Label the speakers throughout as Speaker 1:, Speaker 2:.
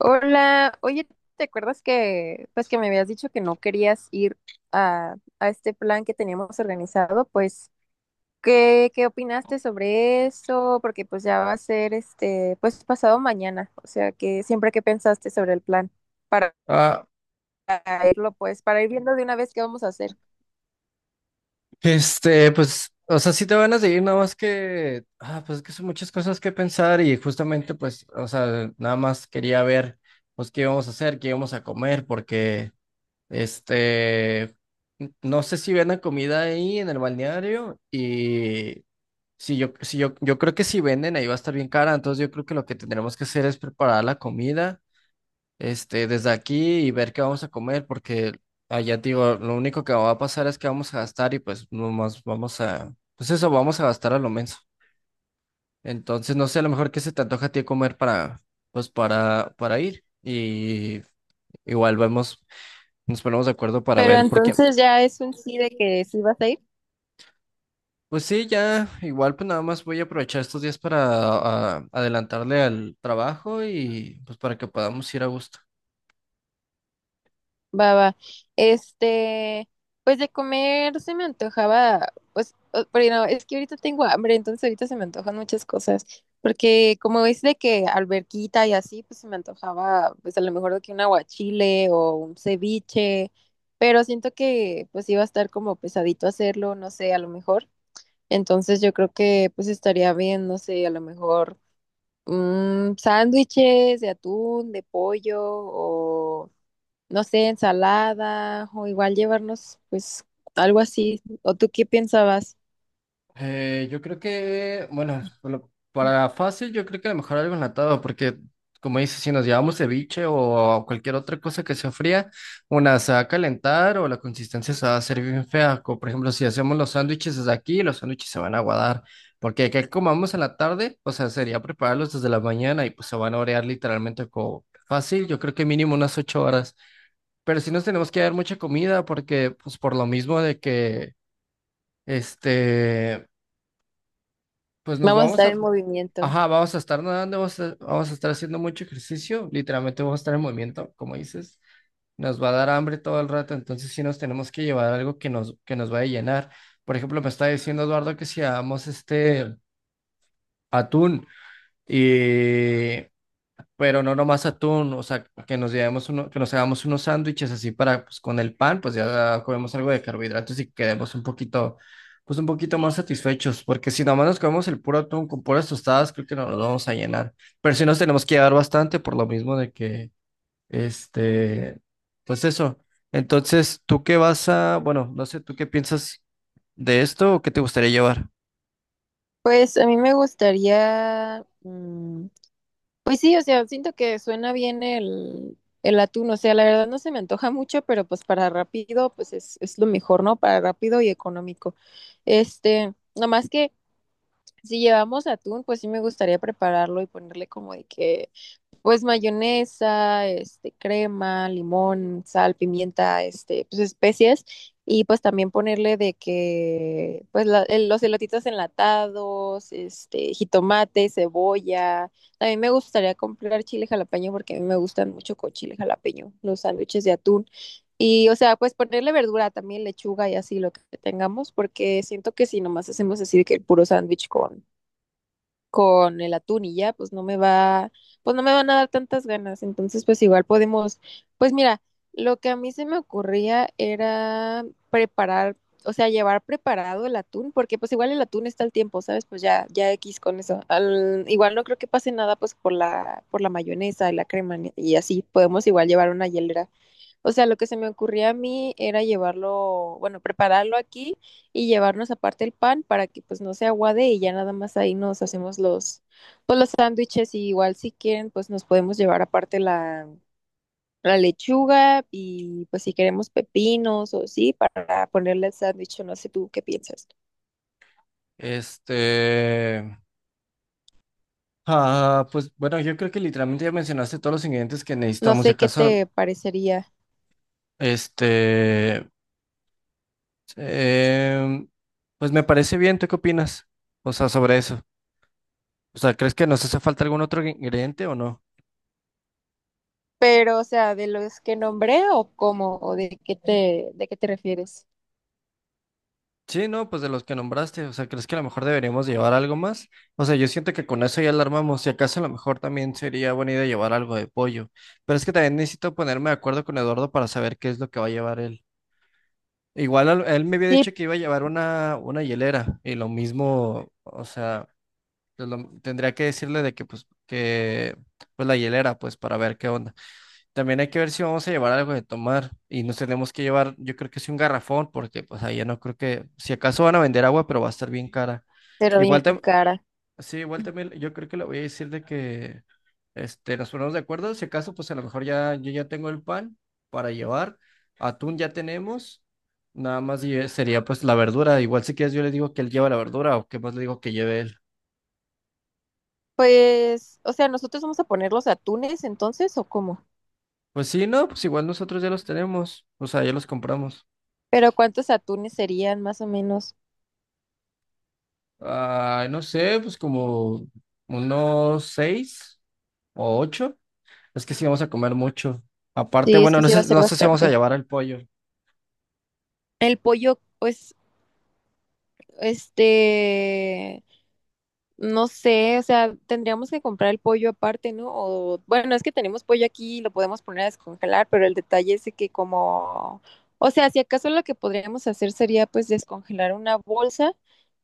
Speaker 1: Hola, oye, ¿te acuerdas que pues que me habías dicho que no querías ir a este plan que teníamos organizado? Pues, ¿qué opinaste sobre eso? Porque pues ya va a ser este, pues pasado mañana. O sea, que siempre que pensaste sobre el plan para,
Speaker 2: Ah,
Speaker 1: para irlo, pues, para ir viendo de una vez qué vamos a hacer.
Speaker 2: o sea, sí te van a seguir, nada más que, pues es que son muchas cosas que pensar y justamente, pues, o sea, nada más quería ver, pues, qué íbamos a hacer, qué íbamos a comer, porque, este, no sé si venden comida ahí en el balneario y si yo, si yo, yo creo que si venden ahí va a estar bien cara, entonces yo creo que lo que tendremos que hacer es preparar la comida desde aquí y ver qué vamos a comer, porque allá te digo, lo único que va a pasar es que vamos a gastar y pues nomás vamos a gastar a lo menso. Entonces, no sé, a lo mejor qué se te antoja a ti comer para, pues para ir. Y igual vemos, nos ponemos de acuerdo para
Speaker 1: Pero
Speaker 2: ver, porque,
Speaker 1: entonces ya es un sí de que sí vas a ir.
Speaker 2: pues sí, ya, igual pues nada más voy a aprovechar estos días para adelantarle al trabajo y pues para que podamos ir a gusto.
Speaker 1: Va, va. Este, pues de comer se me antojaba, pues, pero no, es que ahorita tengo hambre, entonces ahorita se me antojan muchas cosas, porque como es de que alberquita y así, pues se me antojaba, pues a lo mejor de que un aguachile o un ceviche, pero siento que pues iba a estar como pesadito hacerlo, no sé, a lo mejor. Entonces yo creo que pues estaría bien, no sé, a lo mejor sándwiches de atún, de pollo o no sé, ensalada o igual llevarnos pues algo así. ¿O tú qué pensabas?
Speaker 2: Yo creo que, bueno, para fácil, yo creo que a lo mejor algo enlatado, porque como dices, si nos llevamos ceviche o cualquier otra cosa que se fría, una se va a calentar o la consistencia se va a hacer bien fea. Como por ejemplo, si hacemos los sándwiches desde aquí, los sándwiches se van a aguadar, porque que comamos en la tarde, o sea, sería prepararlos desde la mañana y pues se van a orear literalmente como fácil, yo creo que mínimo unas 8 horas. Pero sí nos tenemos que dar mucha comida, porque pues por lo mismo de que, este... pues nos
Speaker 1: Vamos a
Speaker 2: vamos
Speaker 1: estar
Speaker 2: a,
Speaker 1: en movimiento.
Speaker 2: ajá, vamos a estar nadando, vamos a estar haciendo mucho ejercicio, literalmente vamos a estar en movimiento, como dices, nos va a dar hambre todo el rato, entonces sí nos tenemos que llevar algo que nos vaya a llenar. Por ejemplo, me está diciendo Eduardo que si hagamos atún y pero no nomás atún, o sea, que nos llevemos uno, que nos hagamos unos sándwiches así para, pues con el pan, pues ya comemos algo de carbohidratos y quedemos pues un poquito más satisfechos, porque si nomás nos comemos el puro atún con puras tostadas, creo que no nos vamos a llenar, pero si nos tenemos que llevar bastante por lo mismo de que, este, pues eso. Entonces, ¿tú qué vas a, bueno, no sé, ¿tú qué piensas de esto o qué te gustaría llevar?
Speaker 1: Pues a mí me gustaría, pues sí, o sea, siento que suena bien el atún. O sea, la verdad no se me antoja mucho, pero pues para rápido, pues es lo mejor, ¿no? Para rápido y económico. Este, nomás que si llevamos atún, pues sí me gustaría prepararlo y ponerle como de que pues mayonesa, este, crema, limón, sal, pimienta, este, pues especias, y pues también ponerle de que pues los elotitos enlatados, este, jitomate, cebolla. También me gustaría comprar chile jalapeño porque a mí me gustan mucho con chile jalapeño los sándwiches de atún. Y o sea, pues ponerle verdura también, lechuga y así lo que tengamos, porque siento que si nomás hacemos así de que el puro sándwich con el atún y ya, pues pues no me van a dar tantas ganas. Entonces, pues igual podemos, pues mira, lo que a mí se me ocurría era preparar, o sea, llevar preparado el atún, porque pues igual el atún está al tiempo, ¿sabes? Pues ya, ya X con eso. Igual no creo que pase nada pues por por la mayonesa y la crema y así, podemos igual llevar una hielera. O sea, lo que se me ocurría a mí era llevarlo, bueno, prepararlo aquí y llevarnos aparte el pan para que pues no se aguade y ya nada más ahí nos hacemos los, pues los sándwiches. Y igual si quieren, pues nos podemos llevar aparte la lechuga y pues si queremos pepinos o sí, para ponerle el sándwich, o no sé tú qué piensas.
Speaker 2: Este, Ah, pues bueno, yo creo que literalmente ya mencionaste todos los ingredientes que
Speaker 1: No
Speaker 2: necesitamos. Si
Speaker 1: sé qué
Speaker 2: acaso,
Speaker 1: te parecería,
Speaker 2: este, em, pues me parece bien. ¿Tú qué opinas? O sea, sobre eso. O sea, ¿crees que nos hace falta algún otro ingrediente o no?
Speaker 1: pero o sea, de los que nombré o cómo o de qué de qué te refieres.
Speaker 2: Sí, no, pues de los que nombraste. O sea, ¿crees que a lo mejor deberíamos llevar algo más? O sea, yo siento que con eso ya alarmamos. Si acaso, a lo mejor también sería buena idea llevar algo de pollo. Pero es que también necesito ponerme de acuerdo con Eduardo para saber qué es lo que va a llevar él. Igual él me había dicho
Speaker 1: Sí,
Speaker 2: que iba a llevar una hielera y lo mismo, o sea, tendría que decirle de que pues la hielera pues para ver qué onda. También hay que ver si vamos a llevar algo de tomar y nos tenemos que llevar, yo creo que sí un garrafón porque pues ahí ya no creo que si acaso van a vender agua, pero va a estar bien cara.
Speaker 1: pero bien
Speaker 2: Igual tam-
Speaker 1: cara.
Speaker 2: Sí, igual también yo creo que le voy a decir de que nos ponemos de acuerdo. Si acaso, pues a lo mejor ya yo ya tengo el pan para llevar. Atún ya tenemos. Nada más lle- sería pues la verdura. Igual si quieres yo le digo que él lleva la verdura o que más le digo que lleve él.
Speaker 1: Pues, o sea, nosotros vamos a poner los atunes entonces, ¿o cómo?
Speaker 2: Pues sí, no, pues igual nosotros ya los tenemos. O sea, ya los compramos.
Speaker 1: Pero ¿cuántos atunes serían más o menos?
Speaker 2: Ah, no sé, pues como unos 6 o 8. Es que sí vamos a comer mucho. Aparte,
Speaker 1: Sí, es
Speaker 2: bueno,
Speaker 1: que
Speaker 2: no
Speaker 1: sí va a
Speaker 2: sé,
Speaker 1: ser
Speaker 2: no sé si vamos a
Speaker 1: bastante.
Speaker 2: llevar el pollo.
Speaker 1: El pollo, pues, este, no sé. O sea, tendríamos que comprar el pollo aparte, ¿no? O, bueno, es que tenemos pollo aquí y lo podemos poner a descongelar, pero el detalle es de que como, o sea, si acaso lo que podríamos hacer sería pues descongelar una bolsa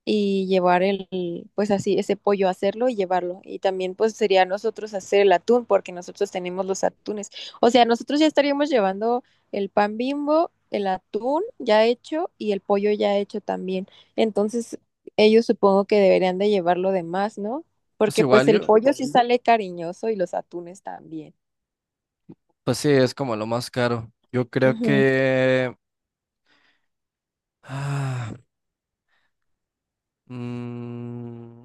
Speaker 1: y llevar pues así, ese pollo, hacerlo y llevarlo. Y también pues sería nosotros hacer el atún, porque nosotros tenemos los atunes. O sea, nosotros ya estaríamos llevando el pan Bimbo, el atún ya hecho y el pollo ya hecho también. Entonces, ellos supongo que deberían de llevar lo demás, ¿no?
Speaker 2: Pues
Speaker 1: Porque pues
Speaker 2: igual
Speaker 1: el
Speaker 2: yo.
Speaker 1: pollo sí sale cariñoso y los atunes también.
Speaker 2: Pues sí, es como lo más caro. Yo creo
Speaker 1: Ujú.
Speaker 2: que... ah, mm, mm,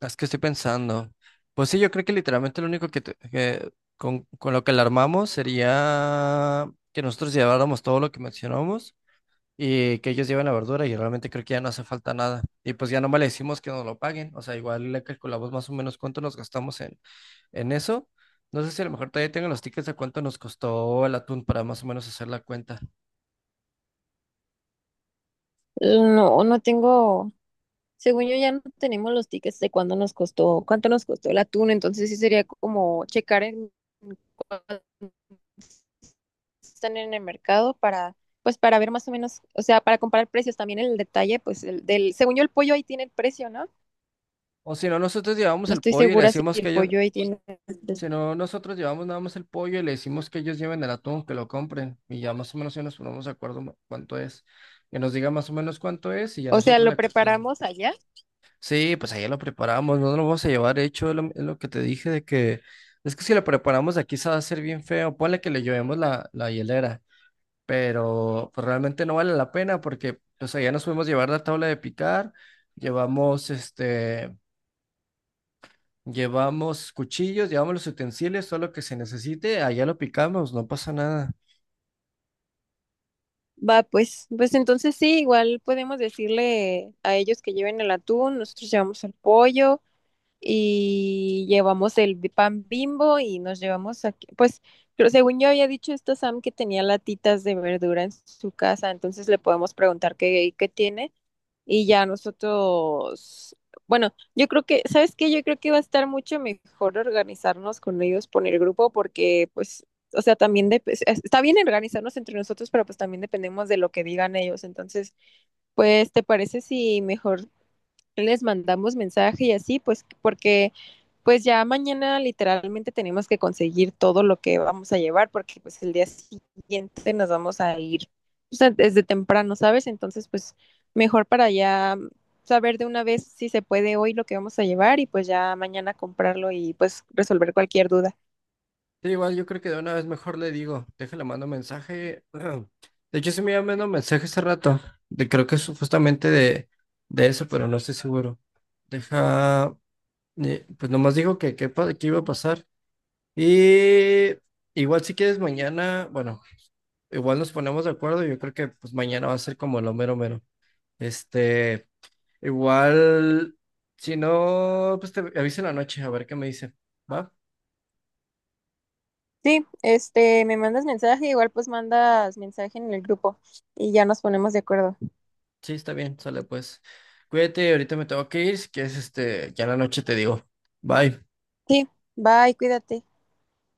Speaker 2: es que estoy pensando. Pues sí, yo creo que literalmente lo único que con lo que la armamos sería que nosotros lleváramos todo lo que mencionamos y que ellos lleven la verdura y realmente creo que ya no hace falta nada. Y pues ya nomás le decimos que nos lo paguen. O sea, igual le calculamos más o menos cuánto nos gastamos en eso. No sé si a lo mejor todavía tengo los tickets de cuánto nos costó el atún para más o menos hacer la cuenta.
Speaker 1: No, no tengo, según yo ya no tenemos los tickets de cuándo nos costó, cuánto nos costó el atún, entonces sí sería como checar en cuánto están en el mercado para, pues para ver más o menos. O sea, para comparar precios también el detalle, pues el del, según yo el pollo ahí tiene el precio, ¿no?
Speaker 2: O si no, nosotros llevamos
Speaker 1: No
Speaker 2: el
Speaker 1: estoy
Speaker 2: pollo y le
Speaker 1: segura si
Speaker 2: decimos que
Speaker 1: el
Speaker 2: ellos,
Speaker 1: pollo ahí tiene el
Speaker 2: si
Speaker 1: precio.
Speaker 2: no, nosotros llevamos nada más el pollo y le decimos que ellos lleven el atún, que lo compren y ya más o menos ya nos ponemos de acuerdo cuánto es. Que nos diga más o menos cuánto es y ya
Speaker 1: O sea,
Speaker 2: nosotros
Speaker 1: lo
Speaker 2: le calculamos.
Speaker 1: preparamos allá.
Speaker 2: Sí, pues allá lo preparamos, no lo vamos a llevar hecho, es lo que te dije de que es que si lo preparamos aquí se va a hacer bien feo, ponle que le llevemos la hielera, pero pues, realmente no vale la pena porque pues allá nos podemos llevar la tabla de picar, llevamos llevamos cuchillos, llevamos los utensilios, todo lo que se necesite, allá lo picamos, no pasa nada.
Speaker 1: Va, pues, pues entonces sí, igual podemos decirle a ellos que lleven el atún, nosotros llevamos el pollo y llevamos el pan Bimbo y nos llevamos aquí, pues, pero según yo había dicho esto Sam que tenía latitas de verdura en su casa, entonces le podemos preguntar qué tiene y ya nosotros, bueno, yo creo que, ¿sabes qué? Yo creo que va a estar mucho mejor organizarnos con ellos por el grupo, porque pues, o sea, también está bien organizarnos entre nosotros, pero pues también dependemos de lo que digan ellos. Entonces, pues, ¿te parece si mejor les mandamos mensaje y así? Pues porque pues ya mañana literalmente tenemos que conseguir todo lo que vamos a llevar, porque pues el día siguiente nos vamos a ir, o sea, desde temprano, ¿sabes? Entonces pues mejor para ya saber de una vez si se puede hoy lo que vamos a llevar y pues ya mañana comprarlo y pues resolver cualquier duda.
Speaker 2: Sí, igual yo creo que de una vez mejor le digo, déjale, mando mensaje. De hecho, sí me iba mandando mensaje hace rato, de, creo que es justamente de eso, pero no estoy seguro. Deja, pues nomás dijo que iba a pasar. Y igual si quieres mañana, bueno, igual nos ponemos de acuerdo, yo creo que pues mañana va a ser como lo mero mero. Este... Igual, si no, pues te aviso en la noche a ver qué me dice. ¿Va?
Speaker 1: Sí, este, me mandas mensaje, igual pues mandas mensaje en el grupo y ya nos ponemos de acuerdo.
Speaker 2: Sí, está bien, sale pues. Cuídate, ahorita me tengo que ir, si quieres, este, ya en la noche te digo. Bye.
Speaker 1: Sí, bye, cuídate.